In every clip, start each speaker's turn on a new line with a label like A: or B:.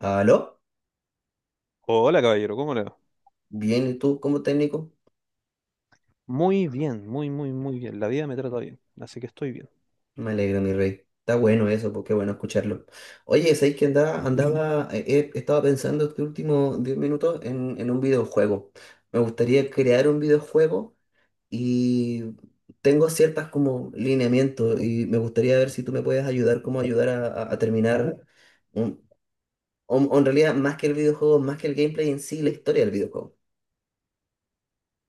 A: ¿Aló?
B: Hola, caballero, ¿cómo le va?
A: Bien, ¿y tú como técnico?
B: Muy bien, muy, muy, muy bien. La vida me trata bien, así que estoy bien.
A: Me alegro, mi rey. Está bueno eso, porque bueno escucharlo. Oye, ¿sabes que estaba pensando este último 10 minutos en un videojuego? Me gustaría crear un videojuego y tengo ciertas como lineamientos y me gustaría ver si tú me puedes ayudar, cómo ayudar a terminar, un- o en realidad más que el videojuego, más que el gameplay en sí, la historia del videojuego.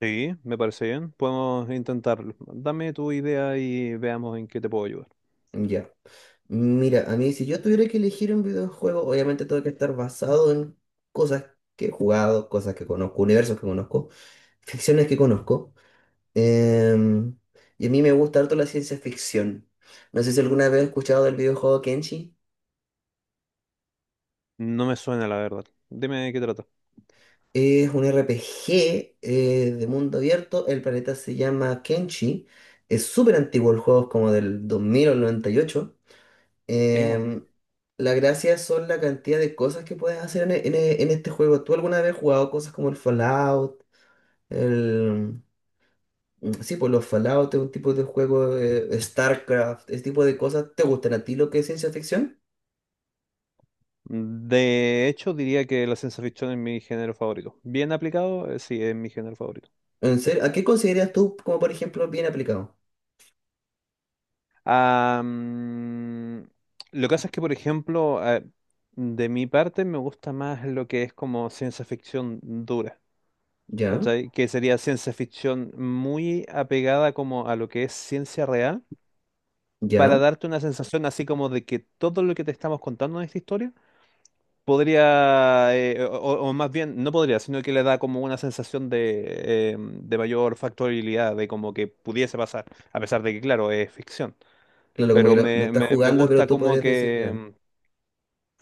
B: Sí, me parece bien. Podemos intentarlo. Dame tu idea y veamos en qué te puedo ayudar.
A: Ya. Mira, a mí si yo tuviera que elegir un videojuego, obviamente tengo que estar basado en cosas que he jugado, cosas que conozco, universos que conozco, ficciones que conozco. Em, y a mí me gusta harto la ciencia ficción. No sé si alguna vez has escuchado del videojuego Kenshi.
B: No me suena, la verdad. Dime de qué trata.
A: Es un RPG de mundo abierto. El planeta se llama Kenshi. Es súper antiguo el juego, es como del 2000 o 98.
B: Damn.
A: Em, la gracia son la cantidad de cosas que puedes hacer en este juego. ¿Tú alguna vez has jugado cosas como el Fallout? El... mm, sí, pues los Fallout es un tipo de juego, StarCraft, ese tipo de cosas. ¿Te gustan a ti lo que es ciencia ficción?
B: De hecho, diría que la ciencia ficción es mi género favorito. Bien aplicado, sí, es mi género favorito.
A: ¿En serio? ¿A qué consideras tú como, por ejemplo, bien aplicado?
B: Ah, mm, lo que pasa es que, por ejemplo, de mi parte me gusta más lo que es como ciencia ficción dura.
A: ¿Ya?
B: ¿Cachai? Que sería ciencia ficción muy apegada como a lo que es ciencia real, para
A: ¿Ya?
B: darte una sensación así como de que todo lo que te estamos contando en esta historia podría, o más bien, no podría, sino que le da como una sensación de mayor factibilidad, de como que pudiese pasar, a pesar de que, claro, es ficción.
A: Claro, como que
B: Pero
A: lo
B: me,
A: estás
B: me, me
A: jugando, pero
B: gusta
A: tú
B: como
A: podrías decir ya.
B: que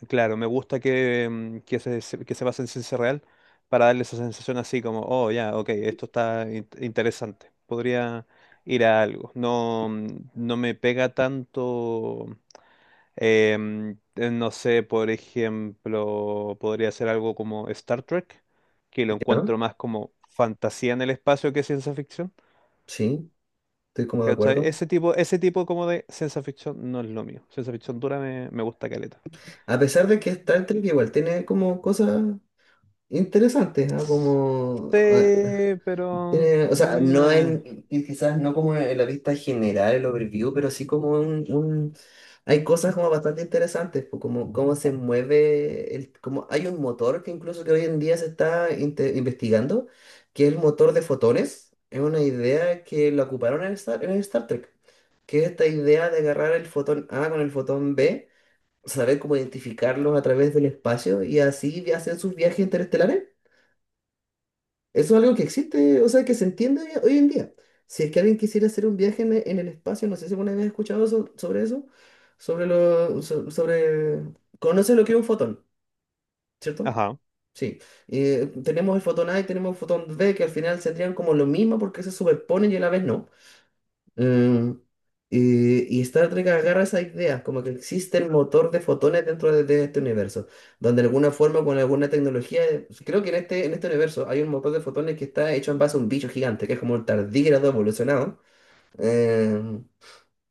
B: claro, me gusta que, que que se base en ciencia real para darle esa sensación así como, oh, ya, ok, esto está interesante, podría ir a algo. No, no me pega tanto, em, no sé, por ejemplo, podría ser algo como Star Trek, que lo
A: ¿Ya?
B: encuentro más como fantasía en el espacio que ciencia ficción.
A: Sí, estoy como de
B: ¿Cachai?
A: acuerdo.
B: Ese tipo como de ciencia ficción no es lo mío. Ciencia ficción dura me gusta caleta.
A: A pesar de que Star Trek igual tiene como cosas interesantes, ¿ah?
B: Sí, pero...
A: O sea,
B: mm, eh,
A: y quizás no como en la vista general, el overview, pero sí como hay cosas como bastante interesantes, pues, como cómo se mueve, el, como hay un motor que incluso que hoy en día se está investigando, que es el motor de fotones, es una idea que la ocuparon en Star Trek, que es esta idea de agarrar el fotón A con el fotón B, saber cómo identificarlos a través del espacio y así hacen sus viajes interestelares. Eso es algo que existe, o sea, que se entiende hoy en día. Si es que alguien quisiera hacer un viaje en el espacio, no sé si alguna vez has escuchado sobre eso, sobre lo, so- sobre, conoces lo que es un fotón, ¿cierto?
B: ajá.
A: Sí. Tenemos el fotón A y tenemos el fotón B, que al final serían como lo mismo porque se superponen y a la vez no. Mm, y Star Trek agarra esa idea, como que existe el motor de fotones dentro de este universo, donde de alguna forma, con alguna tecnología, creo que en este universo hay un motor de fotones que está hecho en base a un bicho gigante, que es como un tardígrado evolucionado. Eh,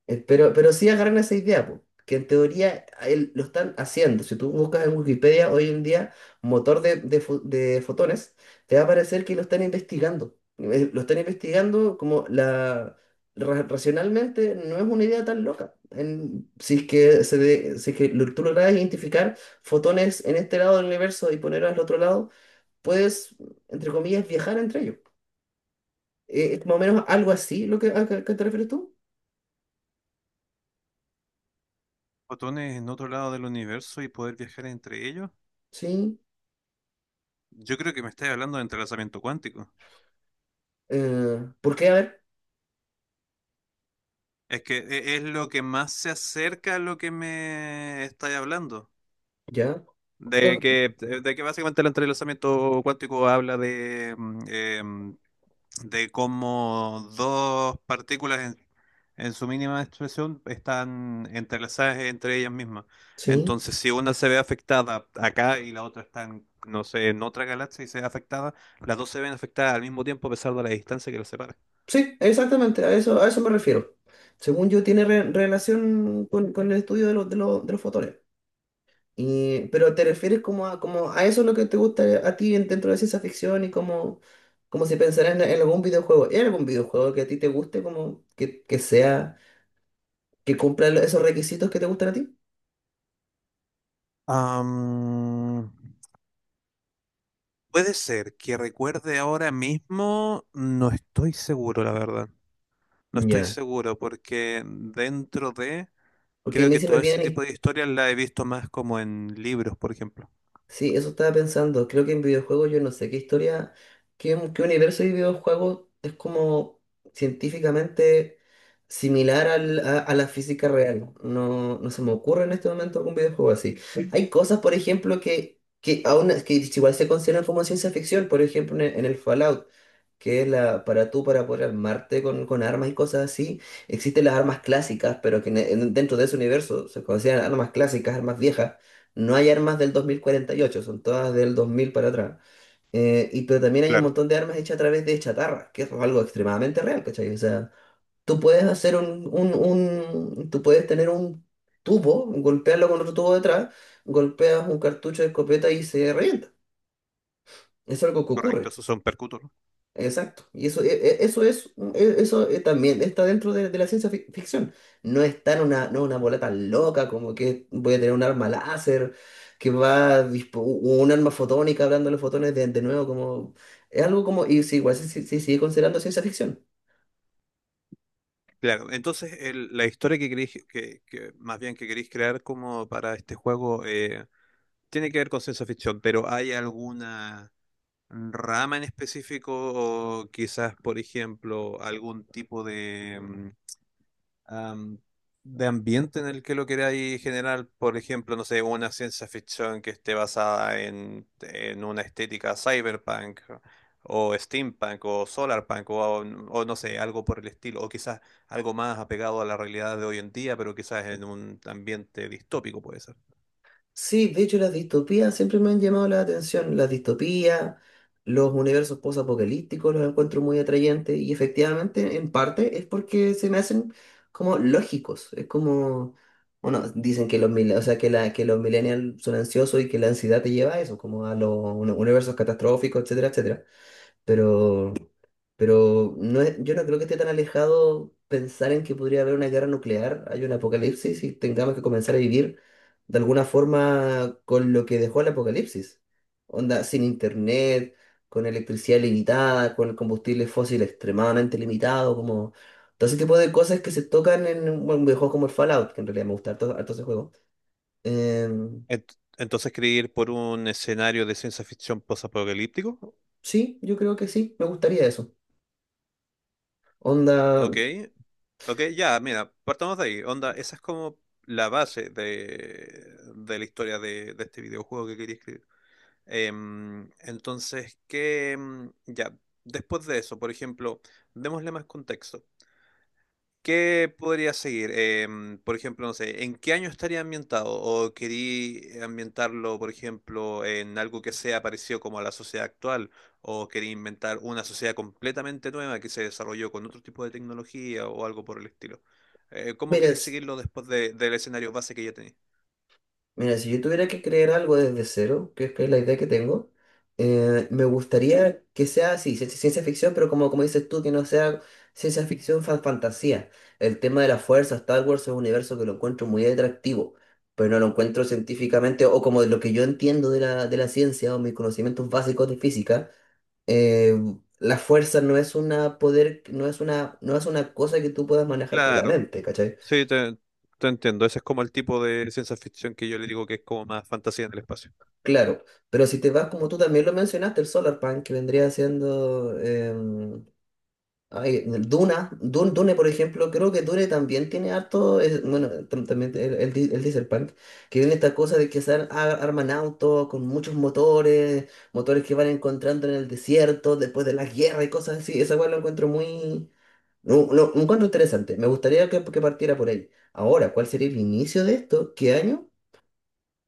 A: pero sí agarran esa idea, po, que en teoría lo están haciendo. Si tú buscas en Wikipedia hoy en día motor de fotones, te va a parecer que lo están investigando. Lo están investigando racionalmente no es una idea tan loca. En- si es que, se de- si es que lo- tú logras identificar fotones en este lado del universo y ponerlos al otro lado, puedes, entre comillas, viajar entre ellos. Es más o menos algo así lo que, a que te refieres tú.
B: Fotones en otro lado del universo y poder viajar entre ellos.
A: Sí.
B: Yo creo que me estáis hablando de entrelazamiento cuántico.
A: ¿Por qué? A ver.
B: Es que es lo que más se acerca a lo que me estáis hablando.
A: Ya,
B: De
A: cor-
B: que, de que básicamente el entrelazamiento cuántico habla de, de cómo dos partículas en su mínima expresión están entrelazadas entre ellas mismas.
A: sí,
B: Entonces, si una se ve afectada acá y la otra está en, no sé, en otra galaxia y se ve afectada, las dos se ven afectadas al mismo tiempo a pesar de la distancia que las separa.
A: sí, exactamente, a eso me refiero. Según yo, tiene relación con el estudio de los fotones. Pero te refieres como como a eso lo que te gusta a ti dentro de ciencia ficción y como si pensaras en algún videojuego. ¿Hay algún videojuego que a ti te guste, como que sea, que cumpla esos requisitos que te gustan a ti?
B: Am, puede ser que recuerde ahora mismo, no estoy seguro, la verdad. No estoy
A: Ya.
B: seguro porque dentro de,
A: Porque a
B: creo
A: mí
B: que
A: se me
B: todo ese tipo
A: vienen.
B: de historias la he visto más como en libros, por ejemplo.
A: Sí, eso estaba pensando. Creo que en videojuegos yo no sé qué historia, qué universo de videojuegos es como científicamente similar a la física real. No, no se me ocurre en este momento algún videojuego así. Hay cosas, por ejemplo, que aún que igual se consideran como ciencia ficción, por ejemplo, en el Fallout que es la, para tú, para poder armarte con armas y cosas así, existen las armas clásicas, pero que dentro de ese universo se consideran armas clásicas, armas viejas. No hay armas del 2048, son todas del 2000 para atrás. Pero también hay un
B: Claro.
A: montón de armas hechas a través de chatarra, que es algo extremadamente real, ¿cachai? O sea, tú puedes hacer un, tú puedes tener un tubo, golpearlo con otro tubo detrás, golpeas un cartucho de escopeta y se revienta. Es algo que
B: Correcto,
A: ocurre.
B: esos son percutor.
A: Exacto, y eso, e- e- eso es, e- eso también está dentro de la ciencia ficción. No está en no una bola tan loca como que voy a tener un arma láser, que va a un arma fotónica hablando de los fotones de nuevo, como es algo como, y sí, igual se sigue considerando ciencia ficción.
B: Claro, entonces la historia que queréis, que más bien que queréis crear como para este juego tiene que ver con ciencia ficción, pero ¿hay alguna rama en específico o quizás, por ejemplo, algún tipo de, am, de ambiente en el que lo queráis generar, por ejemplo, no sé, una ciencia ficción que esté basada en una estética cyberpunk o steampunk o solarpunk o no sé, algo por el estilo, o quizás algo más apegado a la realidad de hoy en día, pero quizás en un ambiente distópico puede ser.
A: Sí, de hecho las distopías siempre me han llamado la atención. Las distopías, los universos posapocalípticos los encuentro muy atrayentes y efectivamente en parte es porque se me hacen como lógicos. Es como, bueno, dicen que los, mil- o sea, que la, que los millennials son ansiosos y que la ansiedad te lleva a eso, como a los universos catastróficos, etcétera, etcétera. Pero pero yo no creo que esté tan alejado pensar en que podría haber una guerra nuclear, hay un apocalipsis y tengamos que comenzar a vivir de alguna forma con lo que dejó el apocalipsis. Onda, sin internet, con electricidad limitada, con combustible fósil extremadamente limitado, como todo ese tipo de cosas que se tocan en un videojuego como el Fallout, que en realidad me gusta harto, harto ese juego. Em,
B: Entonces, ¿queréis ir por un escenario de ciencia ficción post-apocalíptico?
A: sí, yo creo que sí, me gustaría eso. Onda,
B: Ok, ok, ya, mira, partamos de ahí. Onda, esa es como la base de la historia de este videojuego que quería escribir. Em, entonces, que ya, después de eso, por ejemplo, démosle más contexto. ¿Qué podría seguir? Em, por ejemplo, no sé, ¿en qué año estaría ambientado? ¿O querí ambientarlo, por ejemplo, en algo que sea parecido como a la sociedad actual? ¿O querí inventar una sociedad completamente nueva que se desarrolló con otro tipo de tecnología o algo por el estilo? ¿Cómo
A: mira,
B: queréis seguirlo después del escenario base que ya tenéis?
A: Mira, si yo tuviera que crear algo desde cero, que es la idea que tengo, me gustaría que sea así, ciencia ficción, pero como, como dices tú, que no sea ciencia ficción fantasía. El tema de la fuerza, Star Wars es un universo que lo encuentro muy atractivo, pero no lo encuentro científicamente, o como de lo que yo entiendo de de la ciencia o mis conocimientos básicos de física, eh, la fuerza no es una poder, no es una cosa que tú puedas manejar con la
B: Claro.
A: mente, ¿cachai?
B: Sí, te entiendo. Ese es como el tipo de ciencia ficción que yo le digo que es como más fantasía en el espacio.
A: Claro, pero si te vas, como tú también lo mencionaste, el Solarpunk, que vendría siendo ay, el Duna, Dune, por ejemplo, creo que Dune también tiene harto, bueno, también el Dieselpunk, que viene esta cosa de que arman autos con muchos motores, motores que van encontrando en el desierto después de la guerra y cosas así, esa cual lo encuentro muy, lo encuentro interesante, me gustaría que partiera por ahí. Ahora, ¿cuál sería el inicio de esto? ¿Qué año?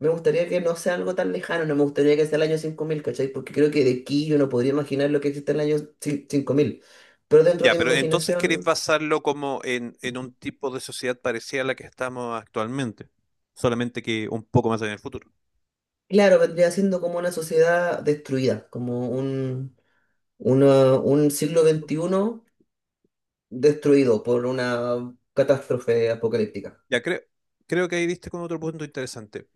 A: Me gustaría que no sea algo tan lejano, no me gustaría que sea el año 5000, ¿cachai? Porque creo que de aquí yo no podría imaginar lo que existe en el año 5000. Pero dentro
B: Ya,
A: de mi
B: pero entonces queréis
A: imaginación,
B: basarlo como en un tipo de sociedad parecida a la que estamos actualmente, solamente que un poco más allá en el futuro.
A: claro, vendría siendo como una sociedad destruida, como un siglo XXI destruido por una catástrofe apocalíptica.
B: Ya creo, creo que ahí diste con otro punto interesante,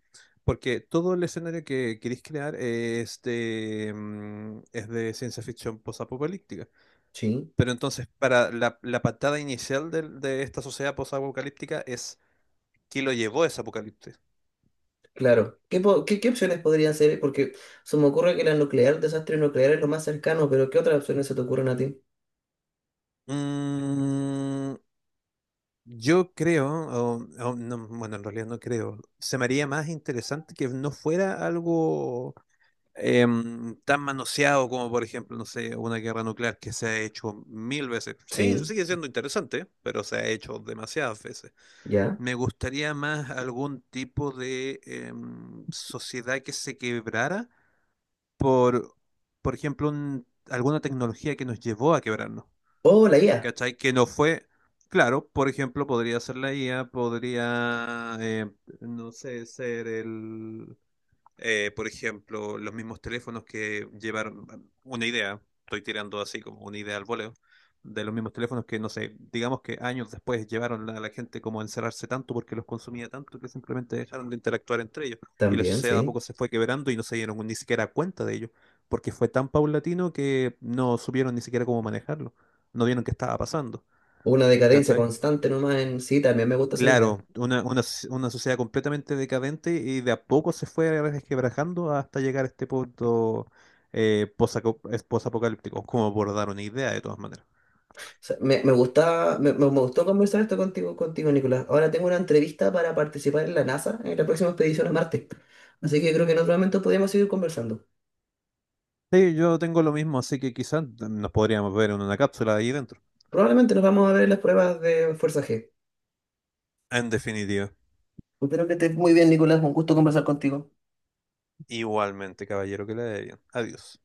B: porque todo el escenario que queréis crear es de, es de ciencia ficción posapocalíptica.
A: Sí,
B: Pero entonces, para la, la patada inicial de esta sociedad posapocalíptica es ¿qué lo llevó a ese apocalipsis?
A: claro. ¿Qué opciones podrían ser? Porque se me ocurre que la nuclear, el desastre nuclear es lo más cercano, pero ¿qué otras opciones se te ocurren a ti?
B: Mm, yo creo, o no, bueno, en realidad no creo, se me haría más interesante que no fuera algo tan manoseado como, por ejemplo, no sé, una guerra nuclear que se ha hecho mil veces.
A: Sí,
B: Sigue siendo interesante, pero se ha hecho demasiadas veces.
A: ya.
B: Me gustaría más algún tipo de sociedad que se quebrara por, por ejemplo, alguna tecnología que nos llevó a quebrarnos.
A: O la IA,
B: ¿Cachai? Que no fue. Claro, por ejemplo, podría ser la IA, podría, no sé, ser el, por ejemplo, los mismos teléfonos que llevaron bueno, una idea, estoy tirando así como una idea al voleo, de los mismos teléfonos que, no sé, digamos que años después llevaron a la gente como a encerrarse tanto porque los consumía tanto que simplemente dejaron de interactuar entre ellos. Y la
A: también,
B: sociedad a
A: sí.
B: poco se fue quebrando y no se dieron ni siquiera cuenta de ello, porque fue tan paulatino que no supieron ni siquiera cómo manejarlo, no vieron qué estaba pasando,
A: Una decadencia
B: ¿cachai?
A: constante nomás en. Sí, también me gusta esa idea.
B: Claro, una sociedad completamente decadente y de a poco se fue resquebrajando hasta llegar a este punto posapocalíptico, como por dar una idea de todas maneras.
A: O sea, me gusta, me- me gustó conversar esto contigo, Nicolás. Ahora tengo una entrevista para participar en la NASA en la próxima expedición a Marte. Así que creo que en otro momento podríamos seguir conversando.
B: Sí, yo tengo lo mismo, así que quizás nos podríamos ver en una cápsula ahí dentro.
A: Probablemente nos vamos a ver en las pruebas de Fuerza G.
B: En definitiva.
A: Espero que estés muy bien, Nicolás. Un gusto conversar contigo.
B: Igualmente, caballero, que le dé bien. Adiós.